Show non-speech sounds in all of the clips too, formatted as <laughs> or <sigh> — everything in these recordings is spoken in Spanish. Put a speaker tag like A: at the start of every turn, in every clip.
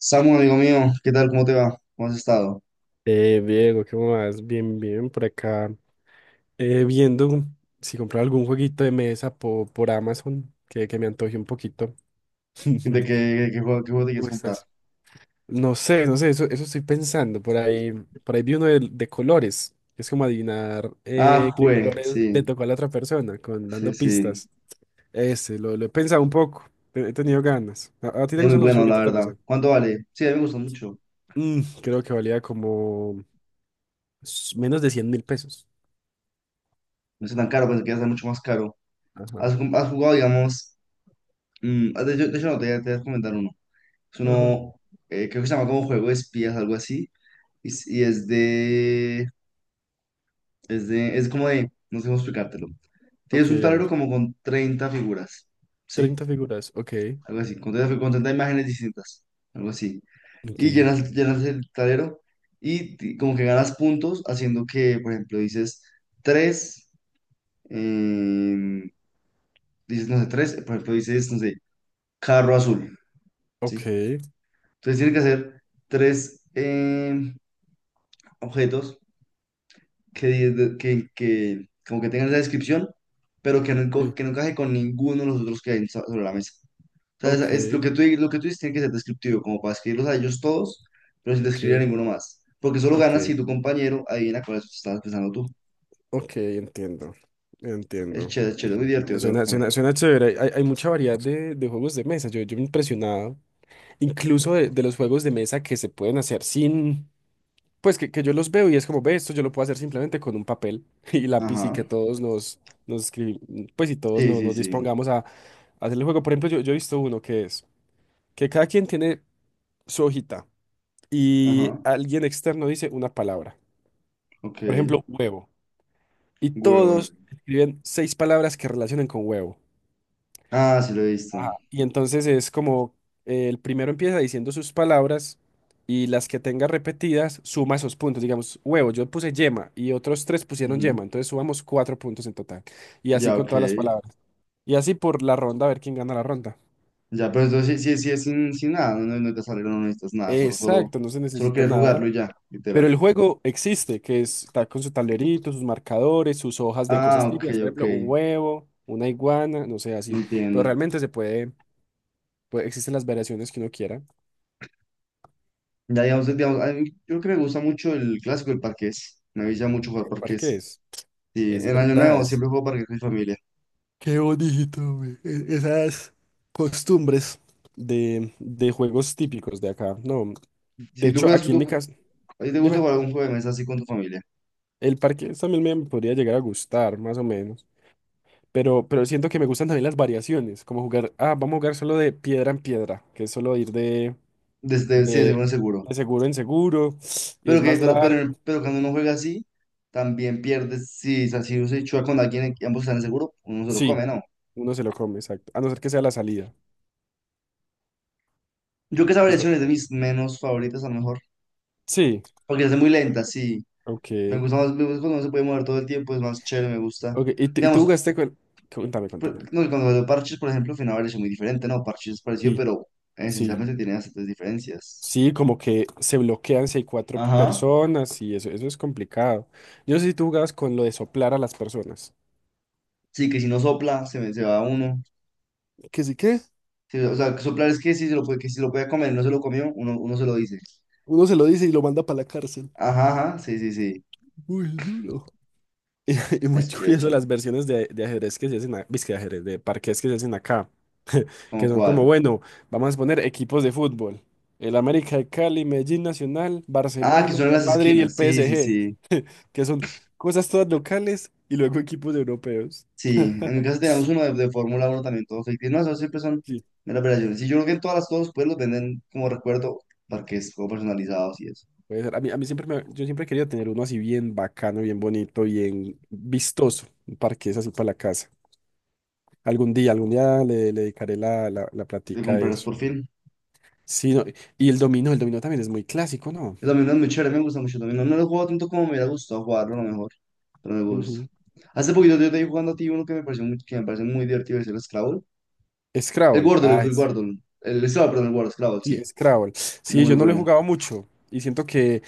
A: Samu, amigo mío, ¿qué tal? ¿Cómo te va? ¿Cómo has estado?
B: Diego, ¿qué más? Bien, bien, por acá. Viendo si comprar algún jueguito de mesa por Amazon que me antoje un poquito.
A: ¿De qué juego, ¿qué juego te
B: <laughs>
A: quieres
B: ¿Cómo
A: comprar?
B: estás? No sé, no sé, eso estoy pensando. Por ahí, vi uno de colores. Es como adivinar qué colores le
A: Sí,
B: tocó a la otra persona, dando
A: sí.
B: pistas. Ese, lo he pensado un poco. He tenido ganas. ¿A ti te
A: Es muy
B: gustan los
A: bueno, la
B: jueguitos de
A: verdad.
B: mesa?
A: ¿Cuánto vale? Sí, a mí me gusta mucho.
B: Creo que valía como menos de 100.000 pesos.
A: No es tan caro, pensé que iba a ser mucho más caro.
B: Ajá.
A: ¿Has, has jugado, digamos? De hecho, de hecho no, te voy a comentar uno. Es
B: Ajá.
A: uno, creo que se llama como juego de espías, algo así. Y es es de, es como de, no sé cómo explicártelo. Tienes
B: Ok,
A: un
B: a
A: tablero
B: ver.
A: como con 30 figuras, ¿sí?
B: 30 figuras, ok,
A: Algo así, con con 30 imágenes distintas, algo así.
B: ok,
A: Y llenas el tablero y como que ganas puntos haciendo que, por ejemplo, dices tres, em, dices, no sé, tres, por ejemplo, dices, no sé, carro azul, ¿sí?
B: ok,
A: Entonces tienes que hacer tres objetos que, di- que, como que tengan esa descripción, pero
B: sí,
A: que no encaje con ninguno de los otros que hay sobre la mesa. Sea,
B: ok,
A: es lo que tú dices tiene que ser descriptivo, como para escribirlos a ellos todos, pero sin describir a
B: ok,
A: ninguno más. Porque solo
B: ok,
A: ganas si tu compañero adivina cuál es estabas pensando tú.
B: ok, entiendo, entiendo.
A: Es chévere, muy divertido, te lo
B: Suena, suena,
A: recomiendo.
B: suena chévere. Hay mucha variedad de juegos de mesa. Yo me he impresionado incluso de los juegos de mesa que se pueden hacer sin, pues que yo los veo y es como, ve, esto yo lo puedo hacer simplemente con un papel <laughs> y lápiz, y que
A: Ajá.
B: todos nos escribimos, pues, y todos
A: Sí,
B: nos,
A: sí,
B: nos
A: sí.
B: dispongamos a hacer el juego. Por ejemplo, yo he visto uno que cada quien tiene su hojita. Y
A: Ajá.
B: alguien externo dice una palabra.
A: Ok.
B: Por ejemplo, huevo. Y
A: Huevo.
B: todos escriben seis palabras que relacionen con huevo.
A: Ah, sí, lo he visto.
B: Ajá. Y entonces es como el primero empieza diciendo sus palabras, y las que tenga repetidas suma esos puntos. Digamos, huevo, yo puse yema y otros tres pusieron
A: Ujú.
B: yema. Entonces sumamos cuatro puntos en total. Y así
A: Ya,
B: con
A: ok.
B: todas las palabras. Y así por la ronda, a ver quién gana la ronda.
A: Ya, pero entonces sí, sí, sí es sin, sin nada, no, no, no te sale, no necesitas nada, solo, solo,
B: Exacto, no se
A: solo
B: necesita
A: quieres
B: nada.
A: jugarlo y ya,
B: Pero
A: literal.
B: el juego existe, está con su tablerito, sus marcadores, sus hojas de cosas
A: Ah, ok,
B: típicas, por
A: ok.
B: ejemplo, un huevo, una iguana, no sé, así. Pero
A: Entiendo.
B: realmente se puede, existen las variaciones que uno quiera.
A: Ya, digamos, digamos, a mí, yo creo que me gusta mucho el clásico, el parqués. Me gusta mucho jugar
B: El parque
A: parqués. Sí,
B: es
A: en Año Nuevo
B: verdad.
A: siempre juego parqués con mi familia.
B: Qué bonito, güey. Esas costumbres de juegos típicos de acá. No, de
A: Si tú
B: hecho,
A: juegas,
B: aquí en
A: tú,
B: mi casa,
A: a ti te gusta
B: dime,
A: jugar algún juego de mesa así con tu familia.
B: el parque también me podría llegar a gustar, más o menos. Pero, siento que me gustan también las variaciones, como jugar, ah, vamos a jugar solo de piedra en piedra, que es solo ir
A: Desde, sí,
B: de,
A: seguro, seguro.
B: de seguro en seguro <sniffs> y es
A: Pero, que,
B: más
A: pero, pero,
B: largo.
A: pero cuando uno juega así, también pierdes. Si, o sea, si uno se chuda con alguien y ambos están en seguro, uno se lo
B: Sí,
A: come, ¿no?
B: uno se lo come, exacto. A no ser que sea la salida.
A: Yo creo que esa
B: Eso,
A: variación es de mis menos favoritas, a lo mejor.
B: sí,
A: Porque es muy lenta, sí. Me
B: ok.
A: gusta más, me gusta cuando uno se puede mover todo el tiempo, es más chévere, me gusta.
B: Ok. ¿Y tú
A: Digamos,
B: jugaste con... Cuéntame,
A: pues,
B: cuéntame.
A: no, y cuando veo Parches, por ejemplo, fue es muy diferente, ¿no? Parches es parecido,
B: Sí,
A: pero
B: sí,
A: esencialmente tiene bastantes diferencias.
B: sí, como que se bloquean si hay cuatro
A: Ajá.
B: personas y eso es complicado. Yo no sé si tú jugabas con lo de soplar a las personas.
A: Sí, que si no sopla, se va uno.
B: ¿Que sí qué?
A: Sí, o sea, que soplar es que si se lo puede, que si lo puede comer, no se lo comió, uno, uno se lo dice.
B: Uno se lo dice y lo manda para la cárcel.
A: Ajá, ajá, sí, sí, sí.
B: Muy duro. <laughs> Y muy
A: Es chévere,
B: curioso
A: chévere.
B: las versiones de ajedrez que se hacen, es que de ajedrez, de parqués que se hacen acá, que
A: ¿Cómo
B: son como,
A: cuál?
B: bueno, vamos a poner equipos de fútbol. El América de Cali, Medellín Nacional,
A: Ah, que
B: Barcelona,
A: suenan
B: Real
A: las
B: Madrid y el
A: esquinas. Sí, sí, sí.
B: PSG, que son cosas todas locales y luego equipos europeos.
A: Sí, en mi casa tenemos uno de Fórmula 1 también, todos ficticios. No, eso siempre son
B: Sí,
A: meras operaciones. Sí, yo creo que en todas las, todos los pueblos venden como recuerdo parques como personalizados y eso.
B: puede ser. A mí siempre yo siempre he querido tener uno así bien bacano, bien bonito, bien vistoso, un parqués así para la casa. Algún día le dedicaré la
A: Yo
B: plática a
A: comprarás
B: eso.
A: por fin.
B: Sí, no, y el dominó también es muy clásico, ¿no?
A: El dominó es muy chévere, me gusta mucho el dominó. No lo juego tanto como me hubiera gustado jugarlo, a lo mejor, pero me gusta.
B: Ujú.
A: Hace poquito yo te vi jugando a ti uno que me pareció muy, que me parece muy divertido, es el Scrabble. El
B: Scrabble,
A: Wordle,
B: ah,
A: el Wordle. El Scrabble, perdón, el Wordle, Scrabble, sí.
B: sí, Scrabble. Sí,
A: Muy
B: yo no lo he
A: bueno.
B: jugado mucho y siento que,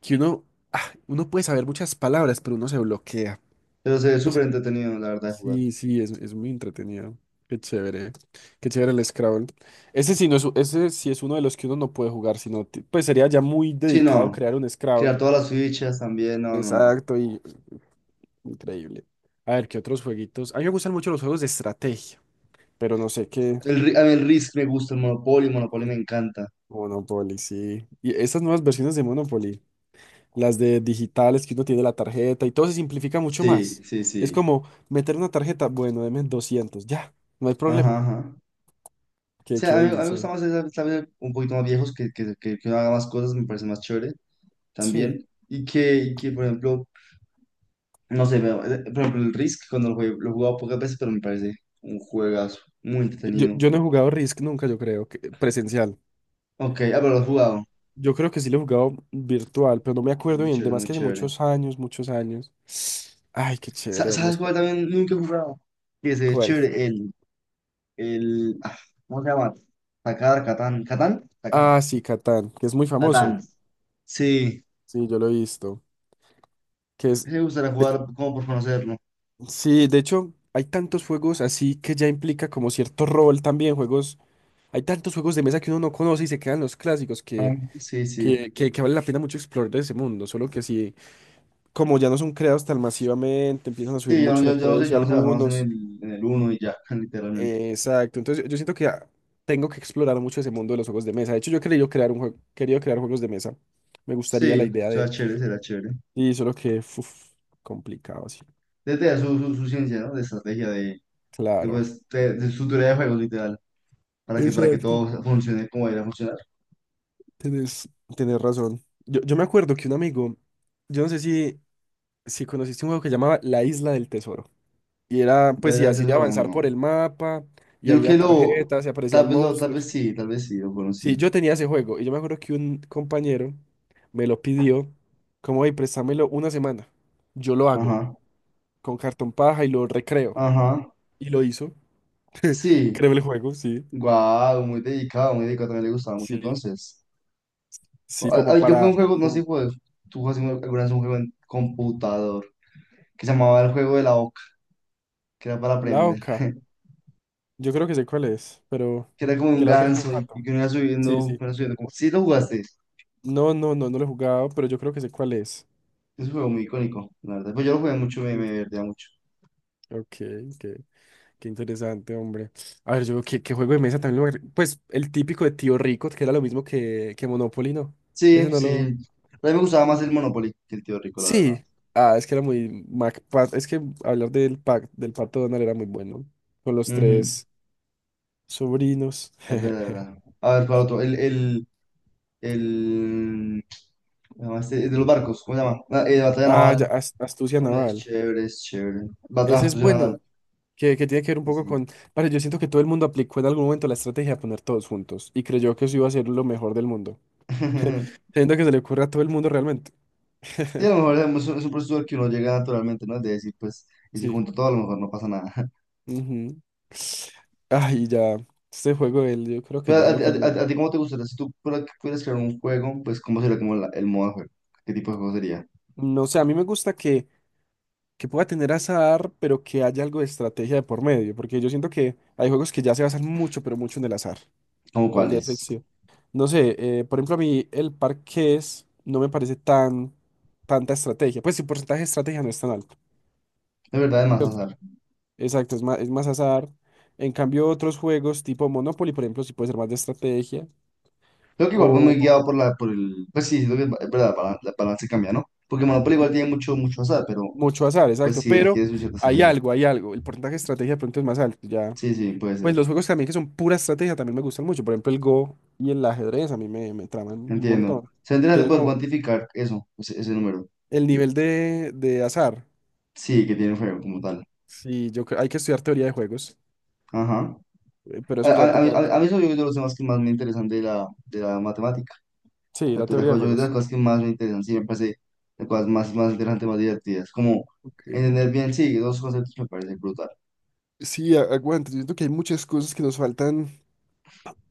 B: que uno puede saber muchas palabras, pero uno se bloquea.
A: Pero se ve
B: No sé.
A: súper entretenido, la verdad, de jugar.
B: Sí, sí, es muy entretenido. Qué chévere, qué chévere el Scrabble. Ese sí, no es, ese sí es uno de los que uno no puede jugar, sino, pues sería ya muy
A: Sí,
B: dedicado
A: no.
B: crear un
A: Crear
B: Scrabble.
A: todas las fichas también, no, no, no.
B: Exacto, y increíble. A ver, ¿qué otros jueguitos? A mí me gustan mucho los juegos de estrategia, pero no sé qué.
A: El, a mí el Risk me gusta, el Monopoly, Monopoly me
B: Sí.
A: encanta.
B: Monopoly, sí. Y esas nuevas versiones de Monopoly, las de digitales que uno tiene la tarjeta y todo se simplifica mucho
A: Sí,
B: más.
A: sí,
B: Es
A: sí.
B: como meter una tarjeta, bueno, deme 200 ya, no hay
A: Ajá,
B: problema.
A: ajá. O
B: Qué
A: sea, a mí me gusta
B: bendición.
A: más, esa, tal vez, un poquito más viejos, que uno haga más cosas, me parece más chévere.
B: Sí.
A: También. Y que, por ejemplo, no sé, por ejemplo, el Risk, cuando lo jugué, lo he jugado pocas veces, pero me parece un juegazo, muy
B: Yo,
A: entretenido.
B: yo no he jugado Risk nunca, yo creo, que, presencial.
A: Ok, ah, pero lo he jugado.
B: Yo creo que sí lo he jugado virtual, pero no me
A: Es
B: acuerdo
A: muy
B: bien.
A: chévere,
B: Además,
A: muy
B: que hace
A: chévere.
B: muchos años, muchos años. Ay, qué chévere, hombre.
A: ¿Sabes cuál también nunca he jugado? Que se ve
B: ¿Cuál?
A: chévere, el, ah, ¿cómo se llama? Takar, Catán,
B: Ah, sí, Catán, que es muy famoso.
A: Catán. Sí,
B: Sí, yo lo he visto. Que es.
A: me gustaría
B: de-
A: jugar como por conocerlo.
B: Sí, de hecho, hay tantos juegos así que ya implica como cierto rol también, juegos. Hay tantos juegos de mesa que uno no conoce y se quedan los clásicos que,
A: Ah, sí, sí.
B: que, que, que vale la pena mucho explorar de ese mundo. Solo que si, como ya no son creados tan masivamente, empiezan a subir
A: Sí, yo,
B: mucho de
A: yo,
B: precio
A: yo no sé, basado
B: algunos.
A: en el uno y ya, <laughs> literalmente.
B: Exacto. Entonces yo siento que tengo que explorar mucho ese mundo de los juegos de mesa. De hecho, yo he querido crear un juego, querido crear juegos de mesa. Me gustaría la
A: Sí,
B: idea
A: será
B: de.
A: chévere, será chévere.
B: Y solo que, uf, complicado, sí.
A: Desde ya su ciencia, ¿no? De estrategia,
B: Claro.
A: pues, de su teoría de juegos, literal, para que
B: Exacto.
A: todo funcione como debería funcionar.
B: Tenés, tenés razón. Yo me acuerdo que un amigo, yo no sé si conociste un juego que llamaba La Isla del Tesoro. Y era, pues, y
A: Entonces,
B: así
A: de
B: de
A: eso no.
B: avanzar
A: No.
B: por el mapa, y
A: Yo creo
B: había
A: que
B: tarjetas, y aparecían
A: lo,
B: monstruos.
A: tal vez sí, lo
B: Sí,
A: conocí.
B: yo tenía ese juego, y yo me acuerdo que un compañero me lo pidió, como, hey, préstamelo una semana. Yo lo hago,
A: Ajá,
B: con cartón paja, y lo recreo.
A: ajá,
B: Y lo hizo.
A: sí.
B: Creo el juego, sí.
A: Guau, muy dedicado, también le gustaba mucho
B: Sí.
A: entonces.
B: Sí,
A: Ah,
B: como
A: ah, yo jugué un
B: para,
A: juego, no sé
B: como
A: si tú jugaste alguna vez un juego en computador, que se llamaba el juego de la oca, que era para
B: la
A: aprender,
B: oca. Yo creo que sé cuál es, pero
A: que era como un
B: que la oca es como un
A: ganso y
B: pato.
A: que
B: Sí,
A: uno
B: sí.
A: iba subiendo como... Sí, lo jugaste.
B: No, no, no, no lo he jugado, pero yo creo que sé cuál es.
A: Es un juego muy icónico, la verdad. Pues yo lo jugué mucho, me,
B: Mm.
A: me divertía mucho.
B: Ok, ok. Qué interesante, hombre. A ver, yo qué juego de mesa también lo... Pues el típico de Tío Rico, que era lo mismo que Monopoly, ¿no? Ese
A: Sí,
B: no
A: sí.
B: lo...
A: A mí me gustaba más el Monopoly que el Tío Rico, la verdad.
B: Sí. Ah, es que era muy... es que hablar del Pato Donald era muy bueno. Con los
A: Ujú.
B: tres sobrinos.
A: Es verdad, es
B: <laughs>
A: verdad. A ver, para otro. El... ¿Cómo se llama este? El de los barcos, ¿cómo se llama? La, Batalla
B: Ah, ya,
A: Naval.
B: astucia
A: También es
B: naval.
A: chévere, es chévere. Batalla
B: Ese es
A: Astucia
B: bueno,
A: Naval.
B: que tiene que ver un
A: Sí,
B: poco
A: sí.
B: con... Vale, yo siento que todo el mundo aplicó en algún momento la estrategia de poner todos juntos y creyó que eso iba a ser lo mejor del mundo. <laughs>
A: <laughs>
B: Siento que se le ocurre a todo el mundo realmente.
A: Sí, a lo
B: <laughs>
A: mejor es un proceso al que uno llega naturalmente, ¿no? De decir, pues, y si
B: Sí.
A: junto todo, a lo mejor no pasa nada.
B: Ujú. Ay, ya, este juego, él, yo creo que
A: Pero
B: ya
A: a
B: lo
A: ti,
B: que...
A: a ti cómo te gustaría, si tú pudieras crear un juego, pues cómo sería como el modo de juego, qué tipo de juego sería,
B: No sé, a mí me gusta que pueda tener azar, pero que haya algo de estrategia de por medio, porque yo siento que hay juegos que ya se basan mucho, pero mucho en el azar,
A: cómo
B: pero
A: cuál
B: ya es
A: es.
B: sí. No sé, por ejemplo, a mí el parqués no me parece tanta estrategia, pues si el porcentaje de estrategia no es tan alto,
A: De verdad es más azar.
B: exacto, es más azar. En cambio, otros juegos tipo Monopoly, por ejemplo, sí puede ser más de estrategia,
A: Creo que igual va muy
B: o...
A: guiado por por el, pues sí, siento que es verdad, para- la balance cambia, ¿no? Porque Monopoly igual
B: sí,
A: tiene mucho, mucho azar, pero
B: mucho azar,
A: pues
B: exacto,
A: sí
B: pero
A: requiere su cierta
B: hay
A: estrategia.
B: algo, hay algo. El porcentaje de estrategia de pronto es más alto, ya.
A: Sí, sí, puede
B: Pues
A: ser.
B: los juegos también que son pura estrategia también me gustan mucho. Por ejemplo, el Go y el ajedrez a mí me traman un
A: Entiendo.
B: montón.
A: Se entiende
B: Que
A: de
B: son
A: poder
B: como
A: cuantificar eso, ese número.
B: el nivel de azar.
A: Sí, que tiene un juego como tal.
B: Sí, yo creo, hay que estudiar teoría de juegos,
A: Ajá.
B: pero
A: A,
B: eso ya
A: a, a, mí, a
B: toca,
A: mí a mí eso yo creo que es lo más que más me interesan de de la matemática.
B: sí, la
A: Captura
B: teoría de
A: joya yo de las
B: juegos.
A: cosas que más me interesan, sí, me parece las cosas más, más interesantes, más divertidas. Como
B: Ok.
A: entender bien, sí, dos conceptos me parece brutal.
B: Sí, aguante, yo siento que hay muchas cosas que nos faltan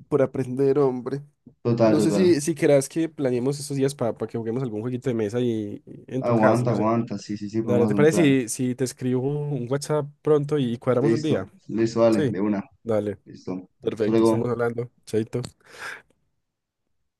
B: por aprender, hombre.
A: Total,
B: No sé
A: total.
B: si querás que planeemos estos días para que juguemos algún jueguito de mesa y en tu casa,
A: Aguanta,
B: no sé.
A: aguanta, sí, sí, sí, podemos
B: Dale, ¿te
A: hacer un plan.
B: parece si te escribo un WhatsApp pronto y cuadramos un
A: Listo,
B: día?
A: listo, vale,
B: Sí.
A: de una.
B: Dale,
A: Listo. Hasta
B: perfecto, estamos
A: luego.
B: hablando. Chaito.